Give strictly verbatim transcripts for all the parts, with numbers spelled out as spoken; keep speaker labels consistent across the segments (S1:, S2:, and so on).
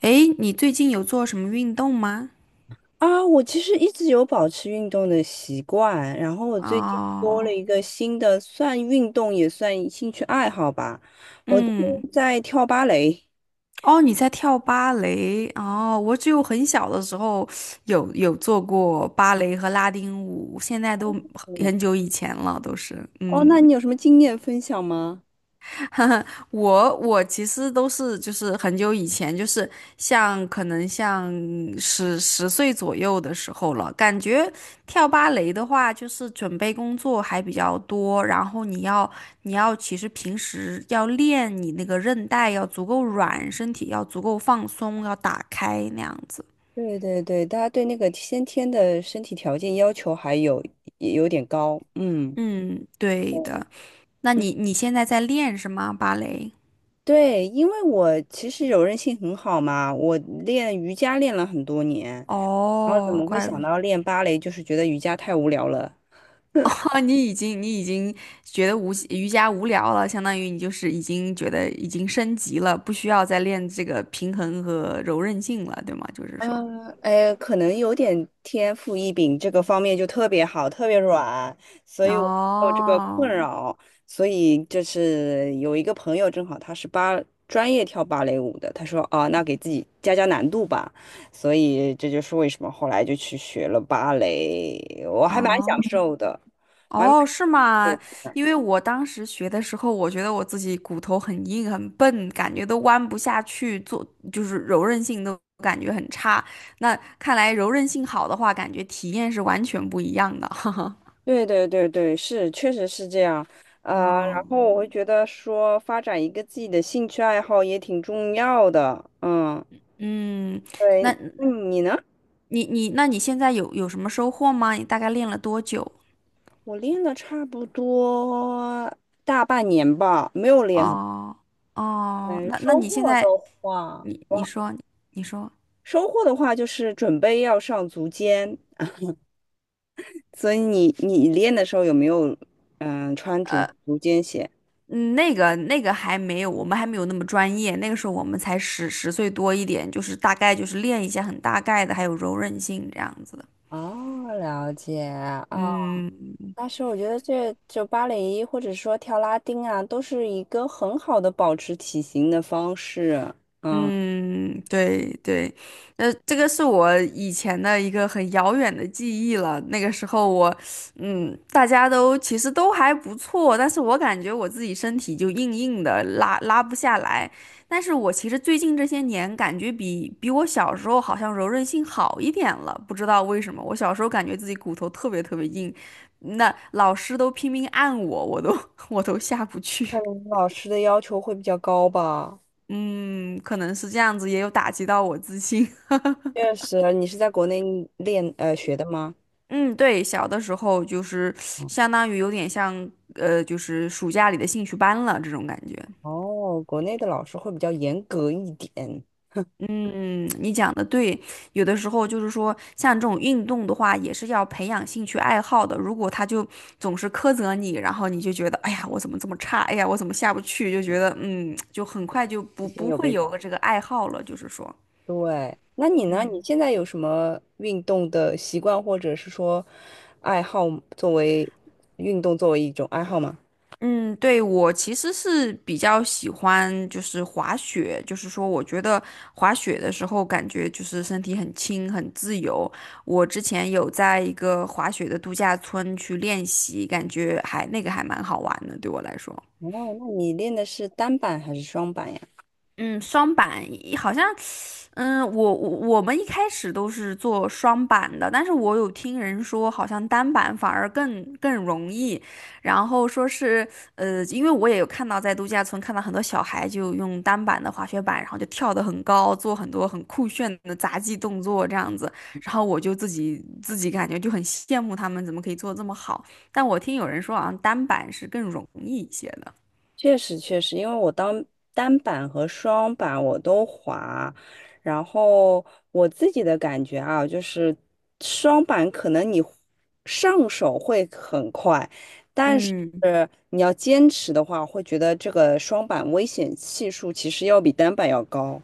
S1: 诶，你最近有做什么运动吗？
S2: 啊，我其实一直有保持运动的习惯，然后我最近多了
S1: 哦，
S2: 一个新的，算运动也算兴趣爱好吧。我最
S1: 嗯，
S2: 近在跳芭蕾。
S1: 哦，你在跳芭蕾哦，我只有很小的时候有有做过芭蕾和拉丁舞，现在都
S2: 嗯。
S1: 很久以前了，都是，
S2: 哦，那
S1: 嗯。
S2: 你有什么经验分享吗？
S1: 哈哈，我我其实都是就是很久以前，就是像可能像十十岁左右的时候了。感觉跳芭蕾的话，就是准备工作还比较多，然后你要你要其实平时要练你那个韧带要足够软，身体要足够放松，要打开那样子。
S2: 对对对，大家对那个先天的身体条件要求还有也有点高，嗯。
S1: 嗯，对的。那
S2: 嗯，
S1: 你你现在在练是吗？芭蕾？
S2: 对，因为我其实柔韧性很好嘛，我练瑜伽练了很多年，然后怎
S1: 哦，
S2: 么会
S1: 怪。
S2: 想到练芭蕾，就是觉得瑜伽太无聊了，
S1: 哦，你已经你已经觉得无瑜伽无聊了，相当于你就是已经觉得已经升级了，不需要再练这个平衡和柔韧性了，对吗？就是说，
S2: 嗯，哎，可能有点天赋异禀，这个方面就特别好，特别软，所以我没有这个困
S1: 哦
S2: 扰。所以就是有一个朋友，正好他是芭专业跳芭蕾舞的，他说哦，那给自己加加难度吧。所以这就是为什么后来就去学了芭蕾，我还蛮享
S1: 哦
S2: 受的，我还蛮
S1: 哦，
S2: 享
S1: 是
S2: 受
S1: 吗？
S2: 的。
S1: 因为我当时学的时候，我觉得我自己骨头很硬很笨，感觉都弯不下去，做就是柔韧性都感觉很差。那看来柔韧性好的话，感觉体验是完全不一样的。
S2: 对对对对，是，确实是这样。呃，
S1: 哦，
S2: 然后我会觉得说，发展一个自己的兴趣爱好也挺重要的。嗯，
S1: 嗯，
S2: 对，
S1: 那。
S2: 那你呢？
S1: 你你，那你现在有有什么收获吗？你大概练了多久？
S2: 我练了差不多大半年吧，没有练很。
S1: 哦哦，
S2: 嗯，
S1: 那那
S2: 收
S1: 你现
S2: 获的
S1: 在，
S2: 话，
S1: 你你
S2: 哇，
S1: 说你说，
S2: 收获的话就是准备要上足尖，所以你你练的时候有没有嗯穿足足尖鞋？
S1: 嗯，那个那个还没有，我们还没有那么专业，那个时候我们才十十岁多一点，就是大概就是练一些很大概的，还有柔韧性这样子的。
S2: 哦，了解啊，
S1: 嗯
S2: 但是我觉得这就芭蕾或者说跳拉丁啊，都是一个很好的保持体型的方式。
S1: 嗯，对对，呃，这个是我以前的一个很遥远的记忆了。那个时候我，嗯，大家都其实都还不错，但是我感觉我自己身体就硬硬的，拉拉不下来。但是我其实最近这些年感觉比比我小时候好像柔韧性好一点了，不知道为什么。我小时候感觉自己骨头特别特别硬，那老师都拼命按我，我都 我都下不
S2: 可
S1: 去。
S2: 能老师的要求会比较高吧。
S1: 嗯，可能是这样子，也有打击到我自信。
S2: 确实，你是在国内练呃学的吗？
S1: 嗯，对，小的时候就是
S2: 嗯。
S1: 相当于有点像，呃，就是暑假里的兴趣班了这种感觉。
S2: 哦，国内的老师会比较严格一点，
S1: 嗯，你讲的对，有的时候就是说，像这种运动的话，也是要培养兴趣爱好的。如果他就总是苛责你，然后你就觉得，哎呀，我怎么这么差？哎呀，我怎么下不去？就觉得，嗯，就很快就
S2: 已
S1: 不
S2: 经
S1: 不
S2: 有
S1: 会
S2: 被
S1: 有
S2: 打。
S1: 个这个爱好了，就是说。
S2: 对，那你呢？你现在有什么运动的习惯，或者是说爱好，作为运动作为一种爱好吗？
S1: 嗯，对，我其实是比较喜欢就是滑雪，就是说我觉得滑雪的时候感觉就是身体很轻很自由。我之前有在一个滑雪的度假村去练习，感觉还那个还蛮好玩的，对我来说。
S2: 哦，那你练的是单板还是双板呀？
S1: 嗯，双板一好像嗯，我我我们一开始都是做双板的，但是我有听人说，好像单板反而更更容易。然后说是，呃，因为我也有看到在度假村看到很多小孩就用单板的滑雪板，然后就跳得很高，做很多很酷炫的杂技动作这样子。然后我就自己自己感觉就很羡慕他们怎么可以做得这么好。但我听有人说，好像单板是更容易一些的。
S2: 确实确实，因为我当单板和双板我都滑，然后我自己的感觉啊，就是双板可能你上手会很快，但是
S1: 嗯。
S2: 你要坚持的话，会觉得这个双板危险系数其实要比单板要高。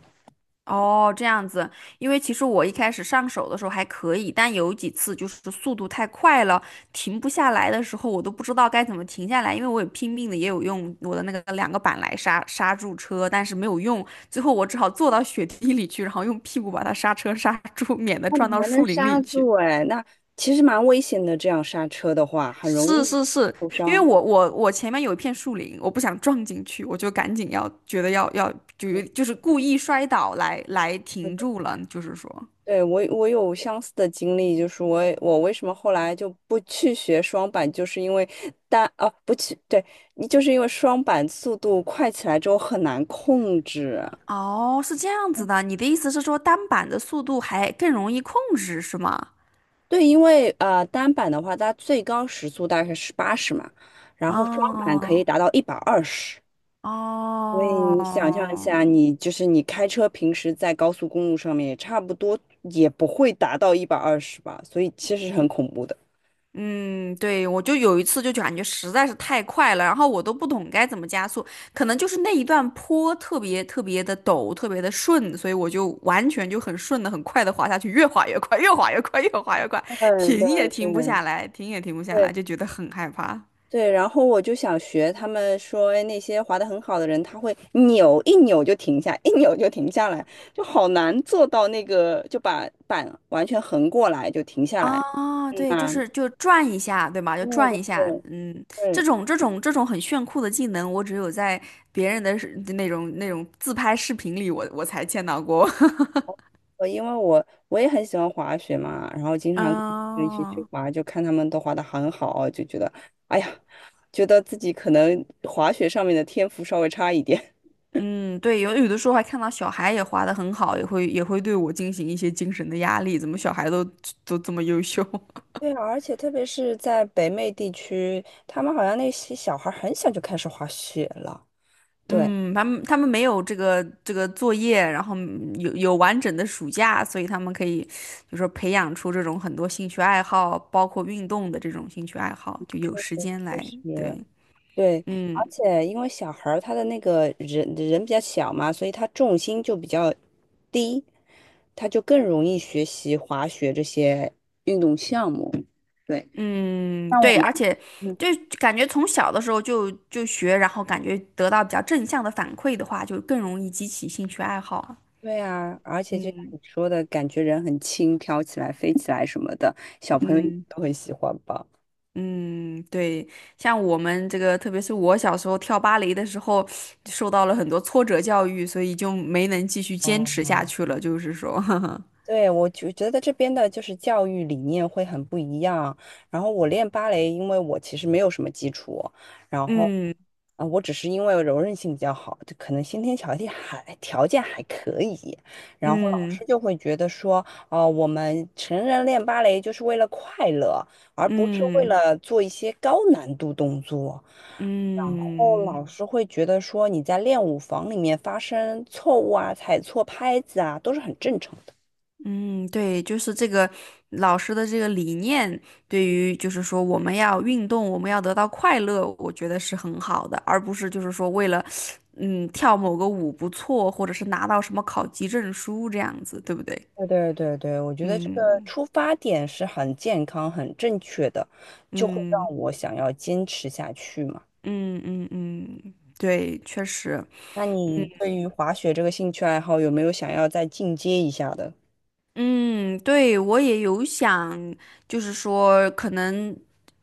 S1: 哦，这样子，因为其实我一开始上手的时候还可以，但有几次就是速度太快了，停不下来的时候，我都不知道该怎么停下来，因为我也拼命的也有用我的那个两个板来刹刹住车，但是没有用，最后我只好坐到雪地里去，然后用屁股把它刹车刹住，免得
S2: 那你
S1: 撞到
S2: 还能
S1: 树林
S2: 刹
S1: 里去。
S2: 住哎，那其实蛮危险的，这样刹车的话很容
S1: 是
S2: 易
S1: 是是，
S2: 受
S1: 因为
S2: 伤。
S1: 我我我前面有一片树林，我不想撞进去，我就赶紧要觉得要要就就是故意摔倒来来停住了，就是说。
S2: 对，我我有相似的经历，就是我也我为什么后来就不去学双板，就是因为单啊不去，对，你就是因为双板速度快起来之后很难控制。
S1: 哦，是这样子的，你的意思是说单板的速度还更容易控制，是吗？
S2: 对，因为呃单板的话，它最高时速大概是八十嘛，然后双板可以
S1: 哦
S2: 达到一百二十。所以你想象一
S1: 哦，
S2: 下，你就是你开车平时在高速公路上面也差不多也不会达到一百二十吧，所以其实是很恐怖的。
S1: 嗯，对，我就有一次就感觉实在是太快了，然后我都不懂该怎么加速，可能就是那一段坡特别特别的陡，特别的顺，所以我就完全就很顺的、很快的滑下去，越滑越快，越滑越快，越滑越快，
S2: 对对
S1: 停也停不
S2: 对。
S1: 下来，停也停不下来，
S2: 对
S1: 就觉得很害怕。
S2: 对，然后我就想学他们说，哎，那些滑得很好的人，他会扭一扭就停下，一扭就停下来，就好难做到那个，就把板完全横过来就停下来，
S1: 啊，
S2: 很
S1: 对，就
S2: 难。
S1: 是就转一下，对吧？就
S2: 对
S1: 转
S2: 对
S1: 一下，
S2: 对
S1: 嗯，这
S2: 对，
S1: 种这种这种很炫酷的技能，我只有在别人的视那种那种自拍视频里我，我才见到过。
S2: 我因为我我也很喜欢滑雪嘛，然后经常跟朋友一起去
S1: 哦，
S2: 滑，就看他们都滑得很好，就觉得，哎呀，觉得自己可能滑雪上面的天赋稍微差一点。
S1: 嗯，对，有有的时候还看到小孩也滑的很好，也会也会对我进行一些精神的压力，怎么小孩都都这么优秀？
S2: 对啊，而且特别是在北美地区，他们好像那些小孩儿很小就开始滑雪了。对，
S1: 嗯，他们他们没有这个这个作业，然后有有完整的暑假，所以他们可以，就说培养出这种很多兴趣爱好，包括运动的这种兴趣爱好，就有时间
S2: 就
S1: 来，对，
S2: 是对，而
S1: 嗯
S2: 且因为小孩儿他的那个人人比较小嘛，所以他重心就比较低，他就更容易学习滑雪这些运动项目。对，
S1: 嗯，
S2: 像我
S1: 对，
S2: 们，
S1: 而且
S2: 嗯，
S1: 就感觉从小的时候就就学，然后感觉得到比较正向的反馈的话，就更容易激起兴趣爱好啊，
S2: 对啊，而且就像
S1: 嗯
S2: 你说的，感觉人很轻，飘起来、飞起来什么的，小朋友
S1: 嗯。
S2: 都很喜欢吧。
S1: 嗯，对，像我们这个，特别是我小时候跳芭蕾的时候，受到了很多挫折教育，所以就没能继续坚持下
S2: 哦
S1: 去了。就是说，
S2: 对，我就觉得这边的就是教育理念会很不一样。然后我练芭蕾，因为我其实没有什么基础，然后，
S1: 嗯
S2: 啊、我只是因为柔韧性比较好，就可能先天条件还条件还可以。然后老师
S1: 嗯
S2: 就会觉得说，哦、我们成人练芭蕾就是为了快乐，而不是为
S1: 嗯
S2: 了做一些高难度动作。后
S1: 嗯
S2: 老师会觉得说你在练舞房里面发生错误啊、踩错拍子啊，都是很正常。
S1: 嗯，对，就是这个老师的这个理念，对于就是说我们要运动，我们要得到快乐，我觉得是很好的，而不是就是说为了嗯跳某个舞不错，或者是拿到什么考级证书这样子，对不对？
S2: 对对对对，我觉得这个
S1: 嗯。
S2: 出发点是很健康、很正确的，就会
S1: 嗯
S2: 让我想要坚持下去嘛。
S1: 嗯嗯嗯，对，确实，
S2: 那你
S1: 嗯，
S2: 对于滑雪这个兴趣爱好有没有想要再进阶一下的？
S1: 嗯，对，我也有想，就是说，可能，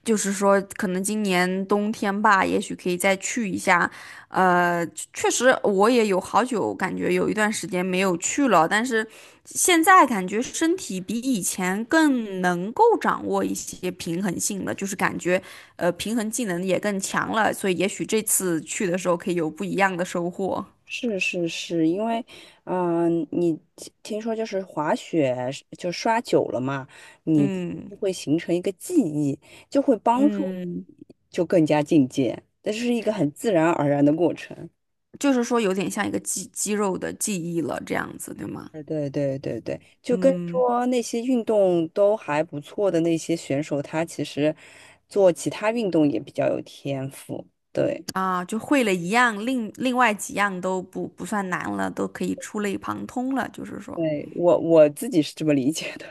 S1: 就是说，可能今年冬天吧，也许可以再去一下。呃，确实，我也有好久感觉有一段时间没有去了，但是现在感觉身体比以前更能够掌握一些平衡性了，就是感觉呃平衡技能也更强了，所以也许这次去的时候可以有不一样的收获。
S2: 是是是，因为，嗯、你听听说就是滑雪是就刷久了嘛，你
S1: 嗯
S2: 会形成一个记忆，就会帮助你
S1: 嗯，
S2: 就更加进阶，这是一个很自然而然的过程。
S1: 就是说有点像一个肌肌肉的记忆了，这样子，对吗？
S2: 对对对对对，就跟
S1: 嗯
S2: 说那些运动都还不错的那些选手，他其实做其他运动也比较有天赋。对，
S1: 啊，就会了一样，另另外几样都不不算难了，都可以触类旁通了，就是说，
S2: 对，我我自己是这么理解的。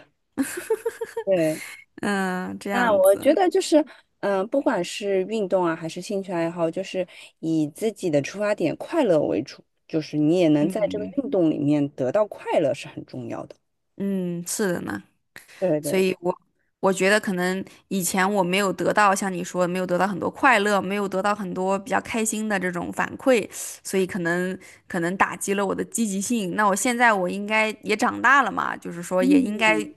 S2: 对，
S1: 嗯，这
S2: 那
S1: 样
S2: 我觉
S1: 子，
S2: 得就是，嗯、不管是运动啊，还是兴趣爱好，就是以自己的出发点快乐为主，就是你也能在这个
S1: 嗯
S2: 运动里面得到快乐是很重要的。
S1: 嗯，是的呢。
S2: 对对，
S1: 所
S2: 对
S1: 以我我觉得可能以前我没有得到像你说的没有得到很多快乐，没有得到很多比较开心的这种反馈，所以可能可能打击了我的积极性。那我现在我应该也长大了嘛，就是说也应该
S2: 嗯，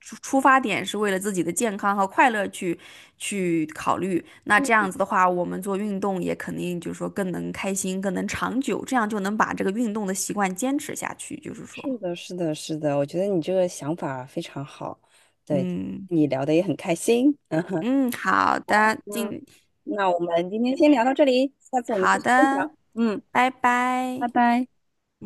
S1: 出出发点是为了自己的健康和快乐去去考虑。那这
S2: 嗯
S1: 样子的话，我们做运动也肯定就是说更能开心，更能长久，这样就能把这个运动的习惯坚持下去。就是说，
S2: 是的，是的，是的，我觉得你这个想法非常好，对，
S1: 嗯
S2: 你聊的也很开心，嗯哼，
S1: 嗯，好的，
S2: 那
S1: 今。
S2: 那我们今天先聊到这里，下次我们继
S1: 好
S2: 续分享，
S1: 的，
S2: 嗯，
S1: 拜拜。
S2: 拜拜。
S1: 嗯。